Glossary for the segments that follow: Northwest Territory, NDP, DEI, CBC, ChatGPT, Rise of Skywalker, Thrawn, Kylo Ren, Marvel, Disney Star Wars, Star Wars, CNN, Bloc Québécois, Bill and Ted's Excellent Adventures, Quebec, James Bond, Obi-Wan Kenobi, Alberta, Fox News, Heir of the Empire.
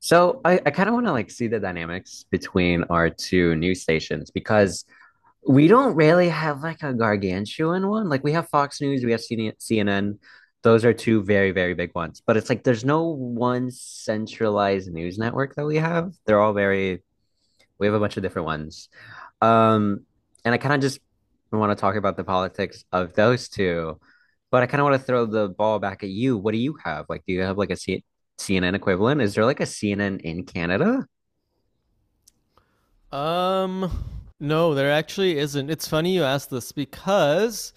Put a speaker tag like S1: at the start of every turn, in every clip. S1: So I kind of want to like see the dynamics between our two news stations because we don't really have like a gargantuan one. Like we have Fox News, we have CNN. Those are two very, very big ones. But it's like there's no one centralized news network that we have. They're all very we have a bunch of different ones. Um, and I kind of just want to talk about the politics of those two, but I kind of want to throw the ball back at you. What do you have? Like, do you have like a CNN equivalent? Is there like a CNN in Canada?
S2: Um, no, there actually isn't. It's funny you asked this because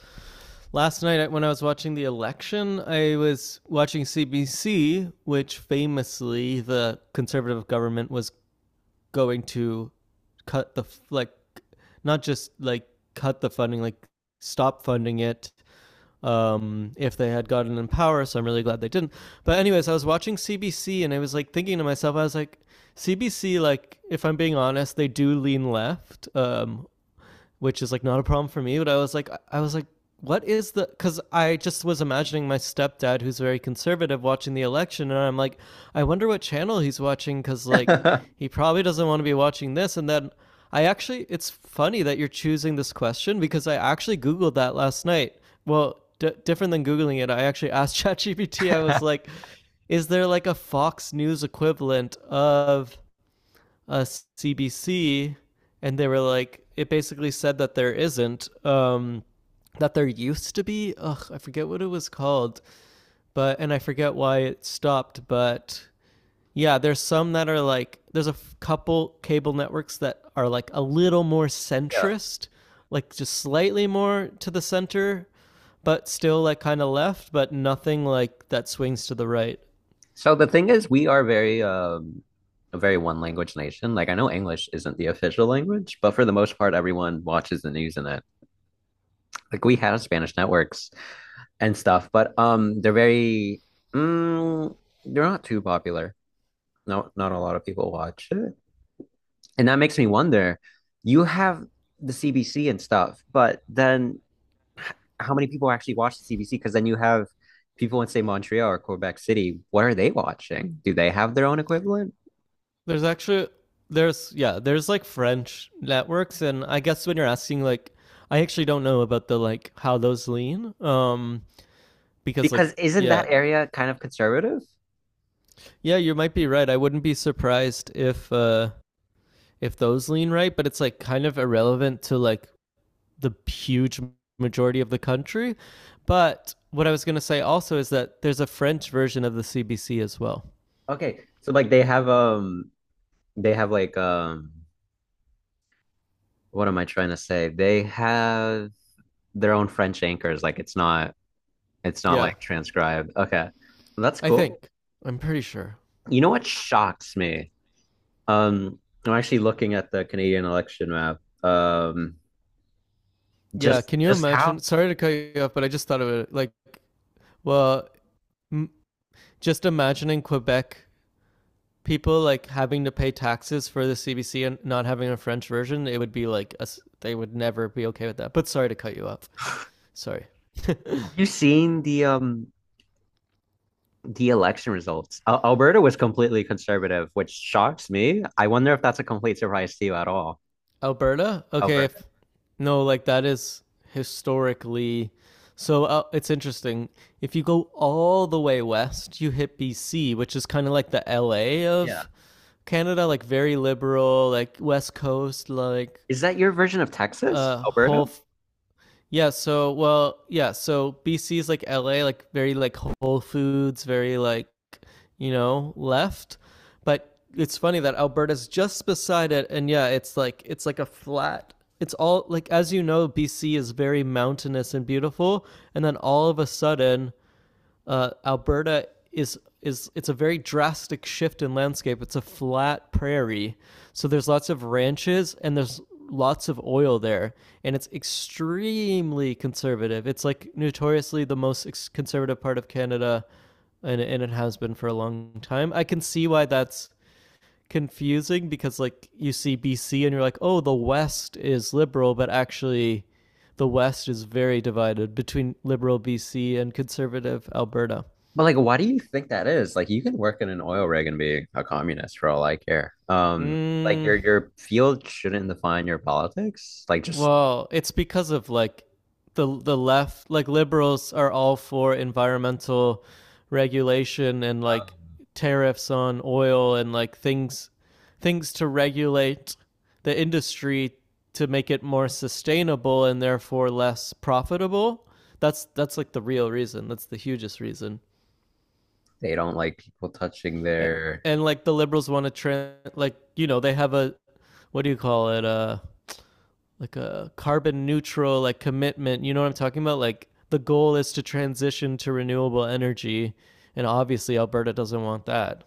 S2: last night when I was watching the election, I was watching CBC, which famously the conservative government was going to cut the like not just like cut the funding, like stop funding it, if they had gotten in power. So I'm really glad they didn't. But anyways, I was watching CBC and I was like thinking to myself, I was like, CBC, like if I'm being honest, they do lean left, which is like not a problem for me. But I was like, what is the? Because I just was imagining my stepdad, who's very conservative, watching the election, and I'm like, I wonder what channel he's watching, because like
S1: Yeah.
S2: he probably doesn't want to be watching this. And then it's funny that you're choosing this question because I actually googled that last night. Well, different than googling it, I actually asked ChatGPT. I was like, is there like a Fox News equivalent of a CBC, and they were like, it basically said that there isn't. That there used to be. Ugh, I forget what it was called, but and I forget why it stopped. But yeah, there's some that are like there's a couple cable networks that are like a little more centrist, like just slightly more to the center, but still like kind of left, but nothing like that swings to the right.
S1: So the thing is, we are very a very one language nation. Like I know English isn't the official language, but for the most part, everyone watches the news in it. Like we have Spanish networks and stuff, but they're very mm, they're not too popular. Not a lot of people watch it. And that makes me wonder, you have the CBC and stuff, but then how many people actually watch the CBC? Because then you have people in say Montreal or Quebec City. What are they watching? Do they have their own equivalent?
S2: There's actually there's yeah, there's like French networks and I guess when you're asking like I actually don't know about the like how those lean, because like
S1: Because isn't that
S2: yeah.
S1: area kind of conservative?
S2: Yeah, you might be right. I wouldn't be surprised if those lean right, but it's like kind of irrelevant to like the huge majority of the country. But what I was going to say also is that there's a French version of the CBC as well.
S1: Okay, so like they have like what am I trying to say? They have their own French anchors. Like it's not
S2: Yeah,
S1: like transcribed. Okay, that's
S2: I
S1: cool.
S2: think. I'm pretty sure.
S1: You know what shocks me. Um, I'm actually looking at the Canadian election map.
S2: Yeah,
S1: Just
S2: can you
S1: just
S2: imagine?
S1: how
S2: Sorry to cut you off, but I just thought of it. Like, well, m- just imagining Quebec people like having to pay taxes for the CBC and not having a French version, it would be like a s they would never be okay with that. But sorry to cut you off. Sorry.
S1: have you seen the election results? Al Alberta was completely conservative, which shocks me. I wonder if that's a complete surprise to you at all,
S2: Alberta? Okay,
S1: Alberta.
S2: if no, like that is historically so, it's interesting. If you go all the way west, you hit BC, which is kind of like the LA
S1: Yeah.
S2: of Canada, like very liberal, like West Coast, like
S1: Is that your version of Texas, Alberta?
S2: whole. Yeah, so well, yeah, so BC's like LA, like very like Whole Foods, very like you know left. But it's funny that Alberta's just beside it, and yeah, it's like a flat. It's all like as you know, BC is very mountainous and beautiful, and then all of a sudden, Alberta is it's a very drastic shift in landscape. It's a flat prairie, so there's lots of ranches and there's lots of oil there, and it's extremely conservative. It's like notoriously the most conservative part of Canada, and it has been for a long time. I can see why that's confusing because like you see BC and you're like, oh, the West is liberal, but actually. The West is very divided between liberal BC and conservative Alberta.
S1: But like, why do you think that is? Like, you can work in an oil rig and be a communist for all I care. Like
S2: Mm,
S1: your field shouldn't define your politics. Like, just
S2: well, it's because of like the left, like liberals are all for environmental regulation and like
S1: um,
S2: tariffs on oil and like things to regulate the industry to make it more sustainable and therefore less profitable. That's like the real reason. That's the hugest reason.
S1: they don't like people touching their.
S2: And like the liberals want to trend, like you know they have a what do you call it? Like a carbon neutral like commitment, you know what I'm talking about, like the goal is to transition to renewable energy, and obviously Alberta doesn't want that.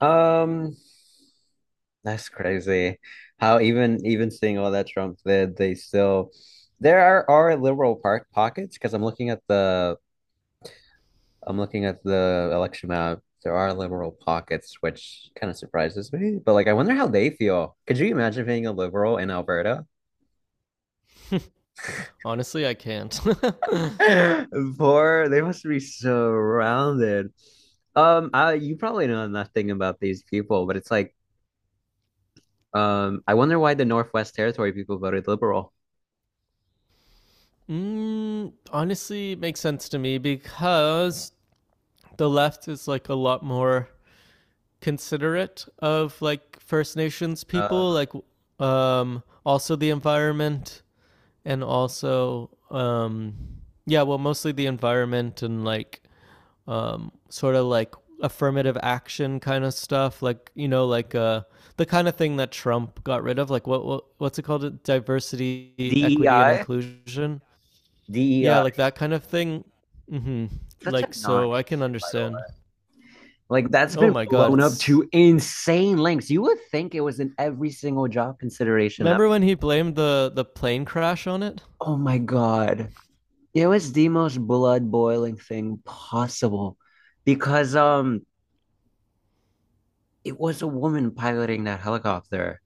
S1: Um, that's crazy. How even seeing all that Trump did, they still there are liberal park pockets because I'm looking at the I'm looking at the election map. There are liberal pockets, which kind of surprises me. But like, I wonder how they feel. Could you imagine being a liberal in Alberta?
S2: Honestly I can't.
S1: Poor, they must be surrounded. You probably know nothing about these people, but it's like, I wonder why the Northwest Territory people voted liberal.
S2: Mm, honestly it makes sense to me because the left is like a lot more considerate of like First Nations
S1: Uh,
S2: people, like also the environment, and also yeah, well, mostly the environment, and like, sort of like affirmative action kind of stuff, like you know, like, the kind of thing that Trump got rid of. Like what, what's it called? Diversity, equity, and
S1: DEI,
S2: inclusion. Yeah,
S1: DEI,
S2: like that kind of thing. Mm-hmm.
S1: such a
S2: Like so, I can
S1: non-issue, by the
S2: understand.
S1: way. Like that's
S2: Oh
S1: been
S2: my God,
S1: blown up
S2: it's
S1: to insane lengths. You would think it was in every single job consideration ever.
S2: remember when he blamed the plane crash on it?
S1: Oh my God. It was the most blood boiling thing possible because it was a woman piloting that helicopter.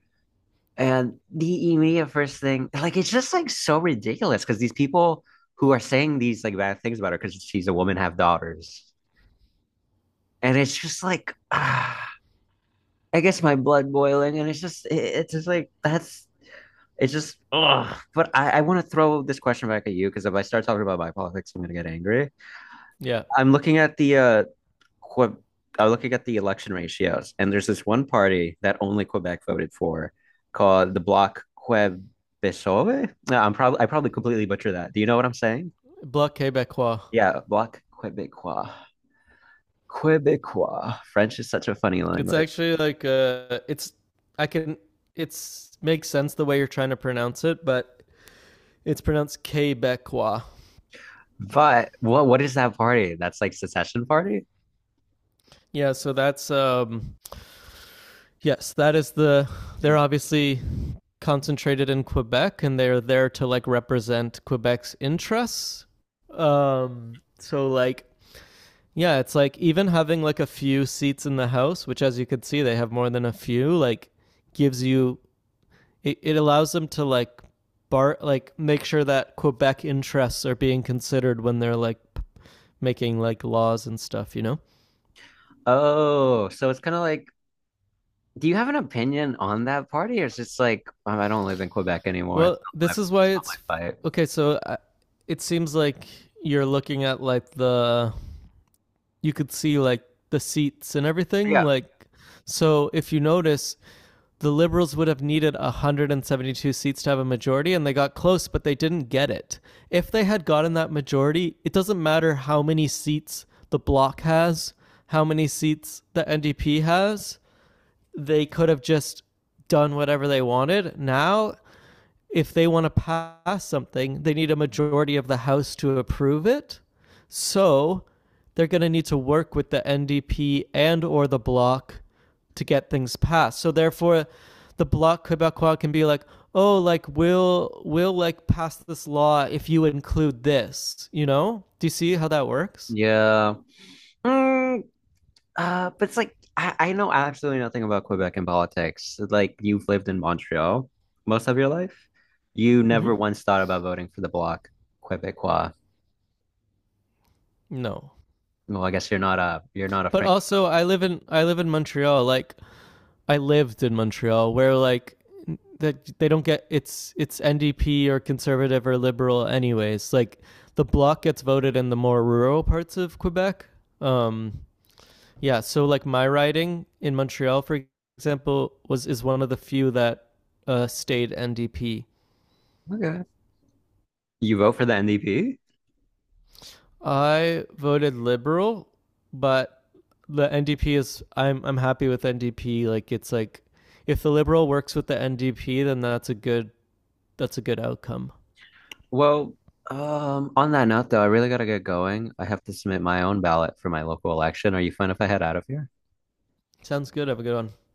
S1: And the immediate first thing, like it's just like so ridiculous because these people who are saying these like bad things about her because she's a woman have daughters. And it's just like ah, I guess my blood boiling, and it's just, it's just like it's just, ugh. But I want to throw this question back at you because if I start talking about my politics, I'm gonna get angry.
S2: Yeah,
S1: I'm looking at the Que- I'm looking at the election ratios, and there's this one party that only Quebec voted for, called the Bloc Québécois. No, I'm probably, I probably completely butcher that. Do you know what I'm saying?
S2: Bloc Québécois.
S1: Yeah, Bloc Québécois. Québécois. French is such a funny
S2: It's
S1: language.
S2: actually like, it's I can it's makes sense the way you're trying to pronounce it, but it's pronounced Quebecois.
S1: But what is that party? That's like secession party?
S2: Yeah, so that's yes, that is the they're obviously concentrated in Quebec and they're there to like represent Quebec's interests. Um, so like yeah, it's like even having like a few seats in the house, which as you could see they have more than a few, like gives you it allows them to like bar like make sure that Quebec interests are being considered when they're like making like laws and stuff, you know?
S1: Oh, so it's kind of like, do you have an opinion on that party, or it's just like, I don't live in Quebec anymore.
S2: Well, this is why
S1: It's not my
S2: it's
S1: fight.
S2: okay. It seems like you're looking at like the you could see like the seats and everything.
S1: Yeah,
S2: Like, so if you notice, the Liberals would have needed 172 seats to have a majority, and they got close, but they didn't get it. If they had gotten that majority, it doesn't matter how many seats the Bloc has, how many seats the NDP has. They could have just done whatever they wanted. Now if they want to pass something, they need a majority of the House to approve it. So they're going to need to work with the NDP and or the Bloc to get things passed. So therefore, the Bloc Quebecois can be like, oh, like we'll like pass this law if you include this. You know? Do you see how that works?
S1: yeah. Mm, but it's like I know absolutely nothing about Quebec and politics. Like you've lived in Montreal most of your life. You
S2: Mm-hmm.
S1: never once thought about voting for the Bloc Québécois.
S2: No.
S1: Well, I guess you're not a
S2: But
S1: Francophone.
S2: also, I live in Montreal. Like I lived in Montreal where like that they don't get it's NDP or conservative or liberal anyways. Like the bloc gets voted in the more rural parts of Quebec. Um, yeah, so like my riding in Montreal for example was is one of the few that stayed NDP.
S1: Okay. You vote for the NDP?
S2: I voted liberal, but the NDP is I'm happy with NDP, like it's like if the liberal works with the NDP, then that's a good outcome.
S1: Well, on that note, though, I really gotta get going. I have to submit my own ballot for my local election. Are you fine if I head out of here?
S2: Sounds good. Have a good one.